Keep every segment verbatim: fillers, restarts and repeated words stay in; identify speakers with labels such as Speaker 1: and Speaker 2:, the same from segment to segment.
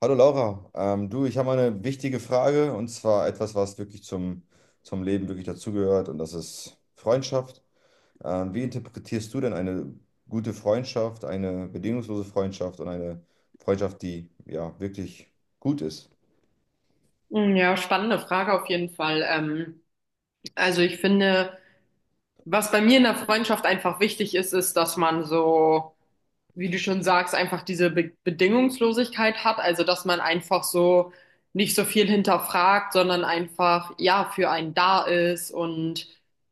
Speaker 1: Hallo Laura, ähm, du, ich habe mal eine wichtige Frage und zwar etwas, was wirklich zum, zum Leben wirklich dazugehört, und das ist Freundschaft. Ähm, wie interpretierst du denn eine gute Freundschaft, eine bedingungslose Freundschaft und eine Freundschaft, die ja wirklich gut ist?
Speaker 2: Mm, ja, spannende Frage auf jeden Fall. Ähm, also ich finde, was bei mir in der Freundschaft einfach wichtig ist, ist, dass man, so wie du schon sagst, einfach diese Be Bedingungslosigkeit hat, also dass man einfach so nicht so viel hinterfragt, sondern einfach ja für einen da ist und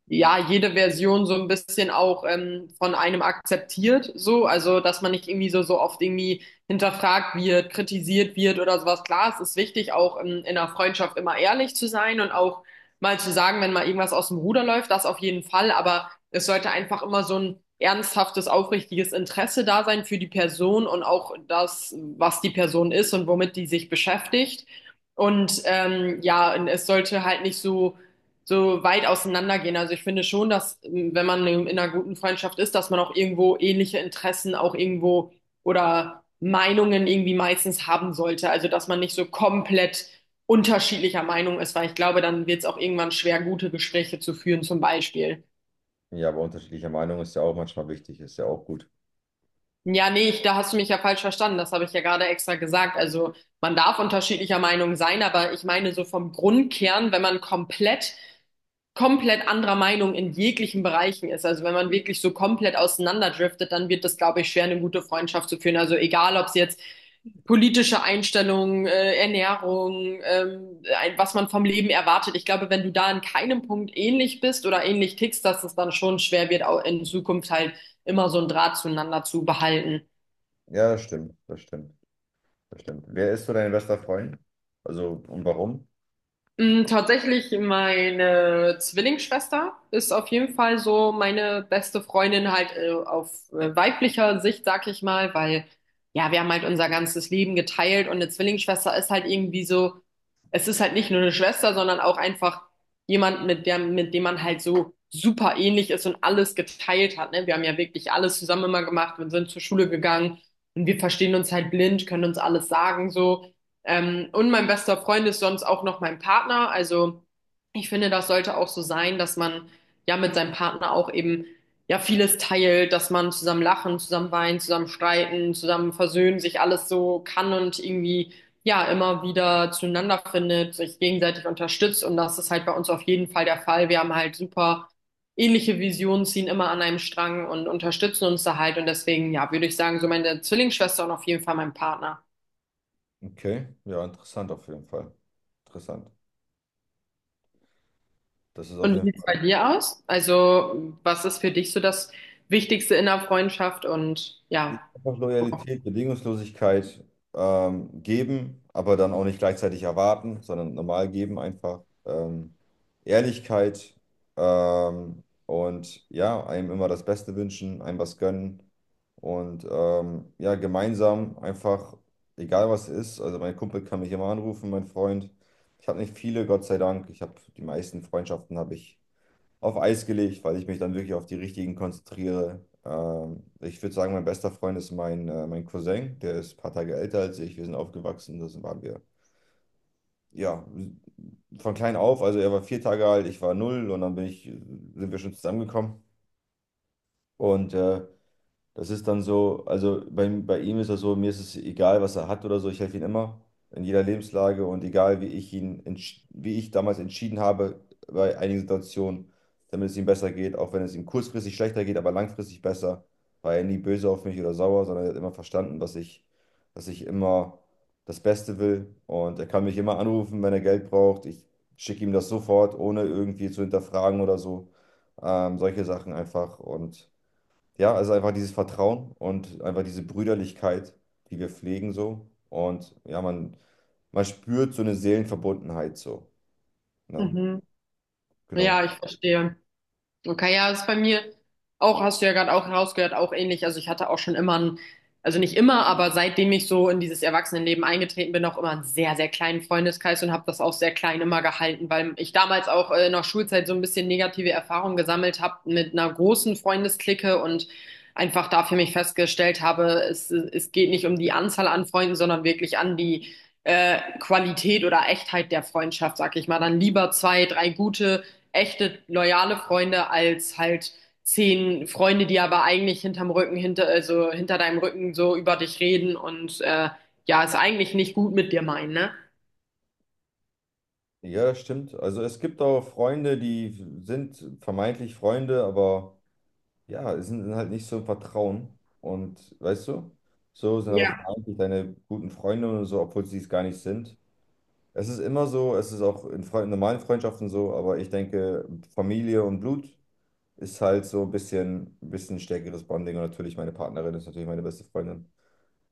Speaker 2: ja jede Version so ein bisschen auch, ähm, von einem akzeptiert, so, also dass man nicht irgendwie so so oft irgendwie hinterfragt wird, kritisiert wird oder sowas. Klar, es ist wichtig, auch in, in einer Freundschaft immer ehrlich zu sein und auch mal zu sagen, wenn mal irgendwas aus dem Ruder läuft, das auf jeden Fall, aber es sollte einfach immer so ein ernsthaftes, aufrichtiges Interesse da sein für die Person und auch das, was die Person ist und womit die sich beschäftigt. Und ähm, ja, und es sollte halt nicht so, so weit auseinandergehen. Also ich finde schon, dass, ähm, wenn man in einer guten Freundschaft ist, dass man auch irgendwo ähnliche Interessen auch irgendwo oder Meinungen irgendwie meistens haben sollte. Also dass man nicht so komplett unterschiedlicher Meinung ist, weil ich glaube, dann wird es auch irgendwann schwer, gute Gespräche zu führen, zum Beispiel.
Speaker 1: Ja, aber unterschiedlicher Meinung ist ja auch manchmal wichtig, ist ja auch gut.
Speaker 2: Ja, nee, ich, da hast du mich ja falsch verstanden. Das habe ich ja gerade extra gesagt. Also man darf unterschiedlicher Meinung sein, aber ich meine so vom Grundkern, wenn man komplett, komplett anderer Meinung in jeglichen Bereichen ist. Also wenn man wirklich so komplett auseinanderdriftet, dann wird das, glaube ich, schwer, eine gute Freundschaft zu führen. Also egal, ob es jetzt politische Einstellungen, äh, Ernährung, ähm, ein, was man vom Leben erwartet. Ich glaube, wenn du da an keinem Punkt ähnlich bist oder ähnlich tickst, dass es dann schon schwer wird, auch in Zukunft halt immer so einen Draht zueinander zu behalten.
Speaker 1: Ja, das stimmt, das stimmt, das stimmt. Wer ist so dein bester Freund? Also, und warum?
Speaker 2: Mm, tatsächlich, meine Zwillingsschwester ist auf jeden Fall so meine beste Freundin halt, äh, auf äh, weiblicher Sicht, sag ich mal, weil ja, wir haben halt unser ganzes Leben geteilt und eine Zwillingsschwester ist halt irgendwie so, es ist halt nicht nur eine Schwester, sondern auch einfach jemand, mit der, mit dem man halt so super ähnlich ist und alles geteilt hat, ne? Wir haben ja wirklich alles zusammen immer gemacht, wir sind zur Schule gegangen und wir verstehen uns halt blind, können uns alles sagen so. Ähm, und mein bester Freund ist sonst auch noch mein Partner. Also ich finde, das sollte auch so sein, dass man ja mit seinem Partner auch eben ja vieles teilt, dass man zusammen lachen, zusammen weinen, zusammen streiten, zusammen versöhnen, sich alles so kann und irgendwie ja immer wieder zueinander findet, sich gegenseitig unterstützt. Und das ist halt bei uns auf jeden Fall der Fall. Wir haben halt super ähnliche Visionen, ziehen immer an einem Strang und unterstützen uns da halt. Und deswegen, ja, würde ich sagen, so meine Zwillingsschwester und auf jeden Fall mein Partner.
Speaker 1: Okay, ja, interessant auf jeden Fall. Interessant. Das ist auf
Speaker 2: Und wie
Speaker 1: jeden
Speaker 2: sieht es bei
Speaker 1: Fall.
Speaker 2: dir aus? Also, was ist für dich so das Wichtigste in der Freundschaft? Und ja,
Speaker 1: Einfach Loyalität, Bedingungslosigkeit, ähm, geben, aber dann auch nicht gleichzeitig erwarten, sondern normal geben einfach. Ähm, Ehrlichkeit, ähm, und ja, einem immer das Beste wünschen, einem was gönnen, und ähm, ja, gemeinsam einfach, egal was ist, also mein Kumpel kann mich immer anrufen, mein Freund. Ich habe nicht viele, Gott sei Dank. Ich habe die meisten Freundschaften habe ich auf Eis gelegt, weil ich mich dann wirklich auf die richtigen konzentriere. Ähm, ich würde sagen, mein bester Freund ist mein, äh, mein Cousin, der ist ein paar Tage älter als ich. Wir sind aufgewachsen, das waren wir. Ja, von klein auf, also er war vier Tage alt, ich war null und dann bin ich, sind wir schon zusammengekommen. Und äh, das ist dann so, also bei, bei ihm ist das so, mir ist es egal, was er hat oder so, ich helfe ihm immer in jeder Lebenslage, und egal wie ich ihn, entsch- wie ich damals entschieden habe bei einigen Situationen, damit es ihm besser geht, auch wenn es ihm kurzfristig schlechter geht, aber langfristig besser, war er nie böse auf mich oder sauer, sondern er hat immer verstanden, was ich, dass ich immer das Beste will, und er kann mich immer anrufen, wenn er Geld braucht. Ich schicke ihm das sofort, ohne irgendwie zu hinterfragen oder so. Ähm, solche Sachen einfach, und ja, also einfach dieses Vertrauen und einfach diese Brüderlichkeit, die wir pflegen so. Und ja, man, man spürt so eine Seelenverbundenheit so. Ne?
Speaker 2: mhm.
Speaker 1: Genau.
Speaker 2: Ja, ich verstehe. Okay, ja, das ist bei mir auch, hast du ja gerade auch herausgehört, auch ähnlich. Also ich hatte auch schon immer einen, also nicht immer, aber seitdem ich so in dieses Erwachsenenleben eingetreten bin, auch immer einen sehr, sehr kleinen Freundeskreis und habe das auch sehr klein immer gehalten, weil ich damals auch, äh, in der Schulzeit so ein bisschen negative Erfahrungen gesammelt habe mit einer großen Freundesklicke und einfach da für mich festgestellt habe, es, es geht nicht um die Anzahl an Freunden, sondern wirklich an die, äh, Qualität oder Echtheit der Freundschaft, sag ich mal. Dann lieber zwei, drei gute echte loyale Freunde als halt zehn Freunde, die aber eigentlich hinterm Rücken, hinter, also hinter deinem Rücken so über dich reden und, äh, ja, es eigentlich nicht gut mit dir meinen, ne?
Speaker 1: Ja, das stimmt. Also es gibt auch Freunde, die sind vermeintlich Freunde, aber ja, es sind halt nicht so im Vertrauen. Und weißt du, so sind aber
Speaker 2: Ja.
Speaker 1: vermeintlich deine guten Freunde und so, obwohl sie es gar nicht sind. Es ist immer so, es ist auch in Fre normalen Freundschaften so, aber ich denke, Familie und Blut ist halt so ein bisschen, ein bisschen stärkeres Bonding. Und natürlich meine Partnerin ist natürlich meine beste Freundin.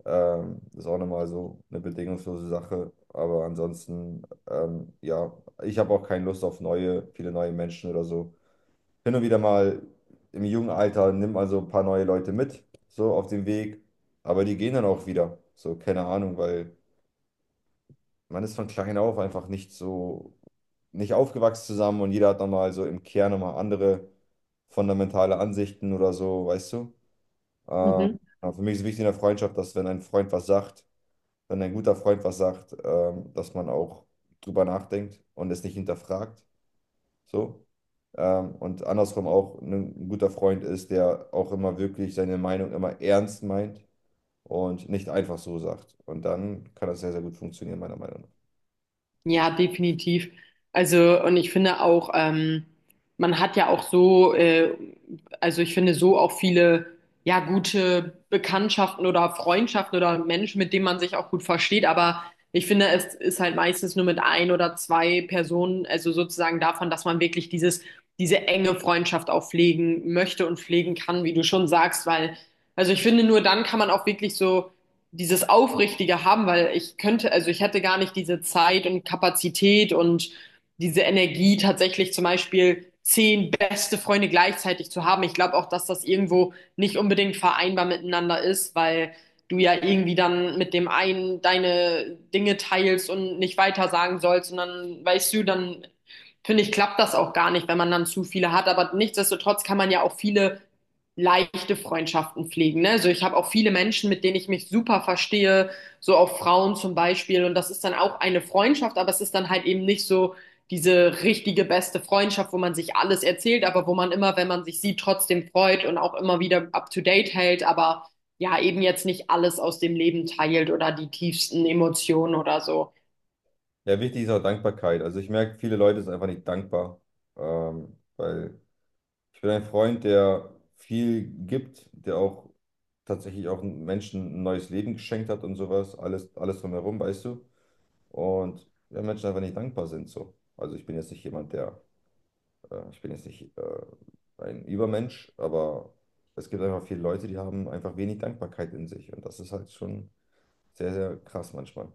Speaker 1: Ähm, ist auch nochmal so eine bedingungslose Sache. Aber ansonsten, ähm, ja, ich habe auch keine Lust auf neue, viele neue Menschen oder so. Hin und wieder mal im jungen Alter nimmt man so ein paar neue Leute mit, so auf dem Weg. Aber die gehen dann auch wieder. So, keine Ahnung, weil man ist von klein auf einfach nicht so, nicht aufgewachsen zusammen, und jeder hat nochmal so im Kern nochmal andere fundamentale Ansichten oder so, weißt du? Ähm,
Speaker 2: Mhm.
Speaker 1: aber für mich ist wichtig in der Freundschaft, dass wenn ein Freund was sagt, wenn ein guter Freund was sagt, ähm, dass man auch drüber nachdenkt und es nicht hinterfragt, so. Ähm, und andersrum auch, ne, ein guter Freund ist, der auch immer wirklich seine Meinung immer ernst meint und nicht einfach so sagt. Und dann kann das sehr, sehr gut funktionieren, meiner Meinung nach.
Speaker 2: Ja, definitiv. Also, und ich finde auch, ähm, man hat ja auch so, äh, also ich finde so auch viele, ja, gute Bekanntschaften oder Freundschaften oder Menschen, mit denen man sich auch gut versteht. Aber ich finde, es ist halt meistens nur mit ein oder zwei Personen, also sozusagen davon, dass man wirklich dieses, diese enge Freundschaft auch pflegen möchte und pflegen kann, wie du schon sagst, weil, also ich finde, nur dann kann man auch wirklich so dieses Aufrichtige haben, weil ich könnte, also ich hätte gar nicht diese Zeit und Kapazität und diese Energie tatsächlich zum Beispiel zehn beste Freunde gleichzeitig zu haben. Ich glaube auch, dass das irgendwo nicht unbedingt vereinbar miteinander ist, weil du ja irgendwie dann mit dem einen deine Dinge teilst und nicht weiter sagen sollst und dann weißt du, dann finde ich, klappt das auch gar nicht, wenn man dann zu viele hat. Aber nichtsdestotrotz kann man ja auch viele leichte Freundschaften pflegen. Ne? Also ich habe auch viele Menschen, mit denen ich mich super verstehe, so auch Frauen zum Beispiel. Und das ist dann auch eine Freundschaft, aber es ist dann halt eben nicht so diese richtige beste Freundschaft, wo man sich alles erzählt, aber wo man immer, wenn man sich sieht, trotzdem freut und auch immer wieder up to date hält, aber ja, eben jetzt nicht alles aus dem Leben teilt oder die tiefsten Emotionen oder so.
Speaker 1: Ja, wichtig ist auch Dankbarkeit. Also ich merke, viele Leute sind einfach nicht dankbar, ähm, weil ich bin ein Freund, der viel gibt, der auch tatsächlich auch Menschen ein neues Leben geschenkt hat und sowas, alles, alles drumherum, weißt du? Und ja, Menschen einfach nicht dankbar sind so. Also ich bin jetzt nicht jemand, der, äh, ich bin jetzt nicht äh, ein Übermensch, aber es gibt einfach viele Leute, die haben einfach wenig Dankbarkeit in sich, und das ist halt schon sehr, sehr krass manchmal.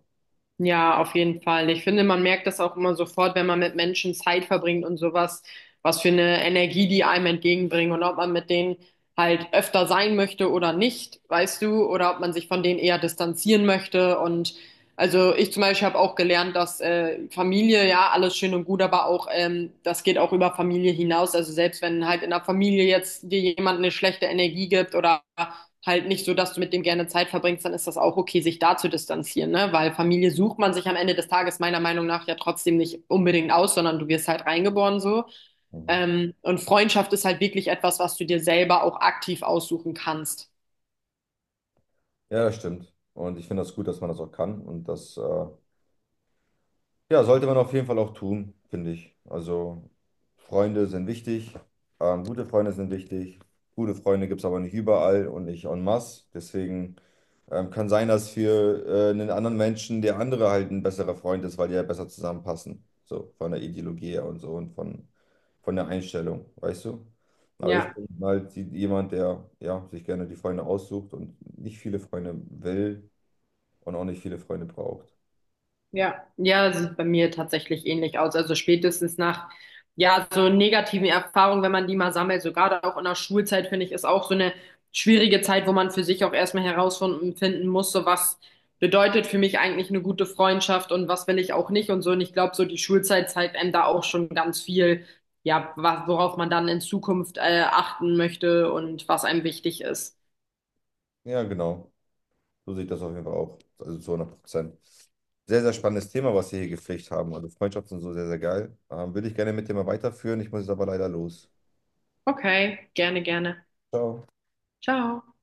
Speaker 2: Ja, auf jeden Fall. Ich finde, man merkt das auch immer sofort, wenn man mit Menschen Zeit verbringt und sowas, was für eine Energie die einem entgegenbringen und ob man mit denen halt öfter sein möchte oder nicht, weißt du, oder ob man sich von denen eher distanzieren möchte. Und also ich zum Beispiel habe auch gelernt, dass, äh, Familie, ja, alles schön und gut, aber auch, ähm, das geht auch über Familie hinaus. Also selbst wenn halt in der Familie jetzt dir jemand eine schlechte Energie gibt oder halt nicht so, dass du mit dem gerne Zeit verbringst, dann ist das auch okay, sich da zu distanzieren, ne? Weil Familie sucht man sich am Ende des Tages meiner Meinung nach ja trotzdem nicht unbedingt aus, sondern du wirst halt reingeboren so.
Speaker 1: Mhm.
Speaker 2: Ähm, und Freundschaft ist halt wirklich etwas, was du dir selber auch aktiv aussuchen kannst.
Speaker 1: Ja, das stimmt. Und ich finde das gut, dass man das auch kann. Und das, äh, ja, sollte man auf jeden Fall auch tun, finde ich. Also, Freunde sind wichtig. Ähm, gute Freunde sind wichtig. Gute Freunde gibt es aber nicht überall und nicht en masse. Deswegen ähm, kann sein, dass für äh, einen anderen Menschen der andere halt ein besserer Freund ist, weil die ja besser zusammenpassen. So, von der Ideologie her und so und von, von der Einstellung, weißt du? Aber ich
Speaker 2: Ja.
Speaker 1: bin halt die- jemand, der ja, sich gerne die Freunde aussucht und nicht viele Freunde will und auch nicht viele Freunde braucht.
Speaker 2: Ja, ja, das sieht bei mir tatsächlich ähnlich aus. Also spätestens nach, ja, so negativen Erfahrungen, wenn man die mal sammelt, so gerade auch in der Schulzeit, finde ich, ist auch so eine schwierige Zeit, wo man für sich auch erstmal herausfinden finden muss, so was bedeutet für mich eigentlich eine gute Freundschaft und was will ich auch nicht und so. Und ich glaube, so die Schulzeit zeigt einem da auch schon ganz viel, ja, wa- worauf man dann in Zukunft, äh, achten möchte und was einem wichtig ist.
Speaker 1: Ja, genau. So sehe ich das auf jeden Fall auch. Also zu hundert Prozent. Sehr, sehr spannendes Thema, was wir hier gepflegt haben. Also Freundschaften sind so sehr, sehr geil. Ähm, würde ich gerne mit dir mal weiterführen. Ich muss jetzt aber leider los.
Speaker 2: Okay, gerne, gerne.
Speaker 1: Ciao.
Speaker 2: Ciao.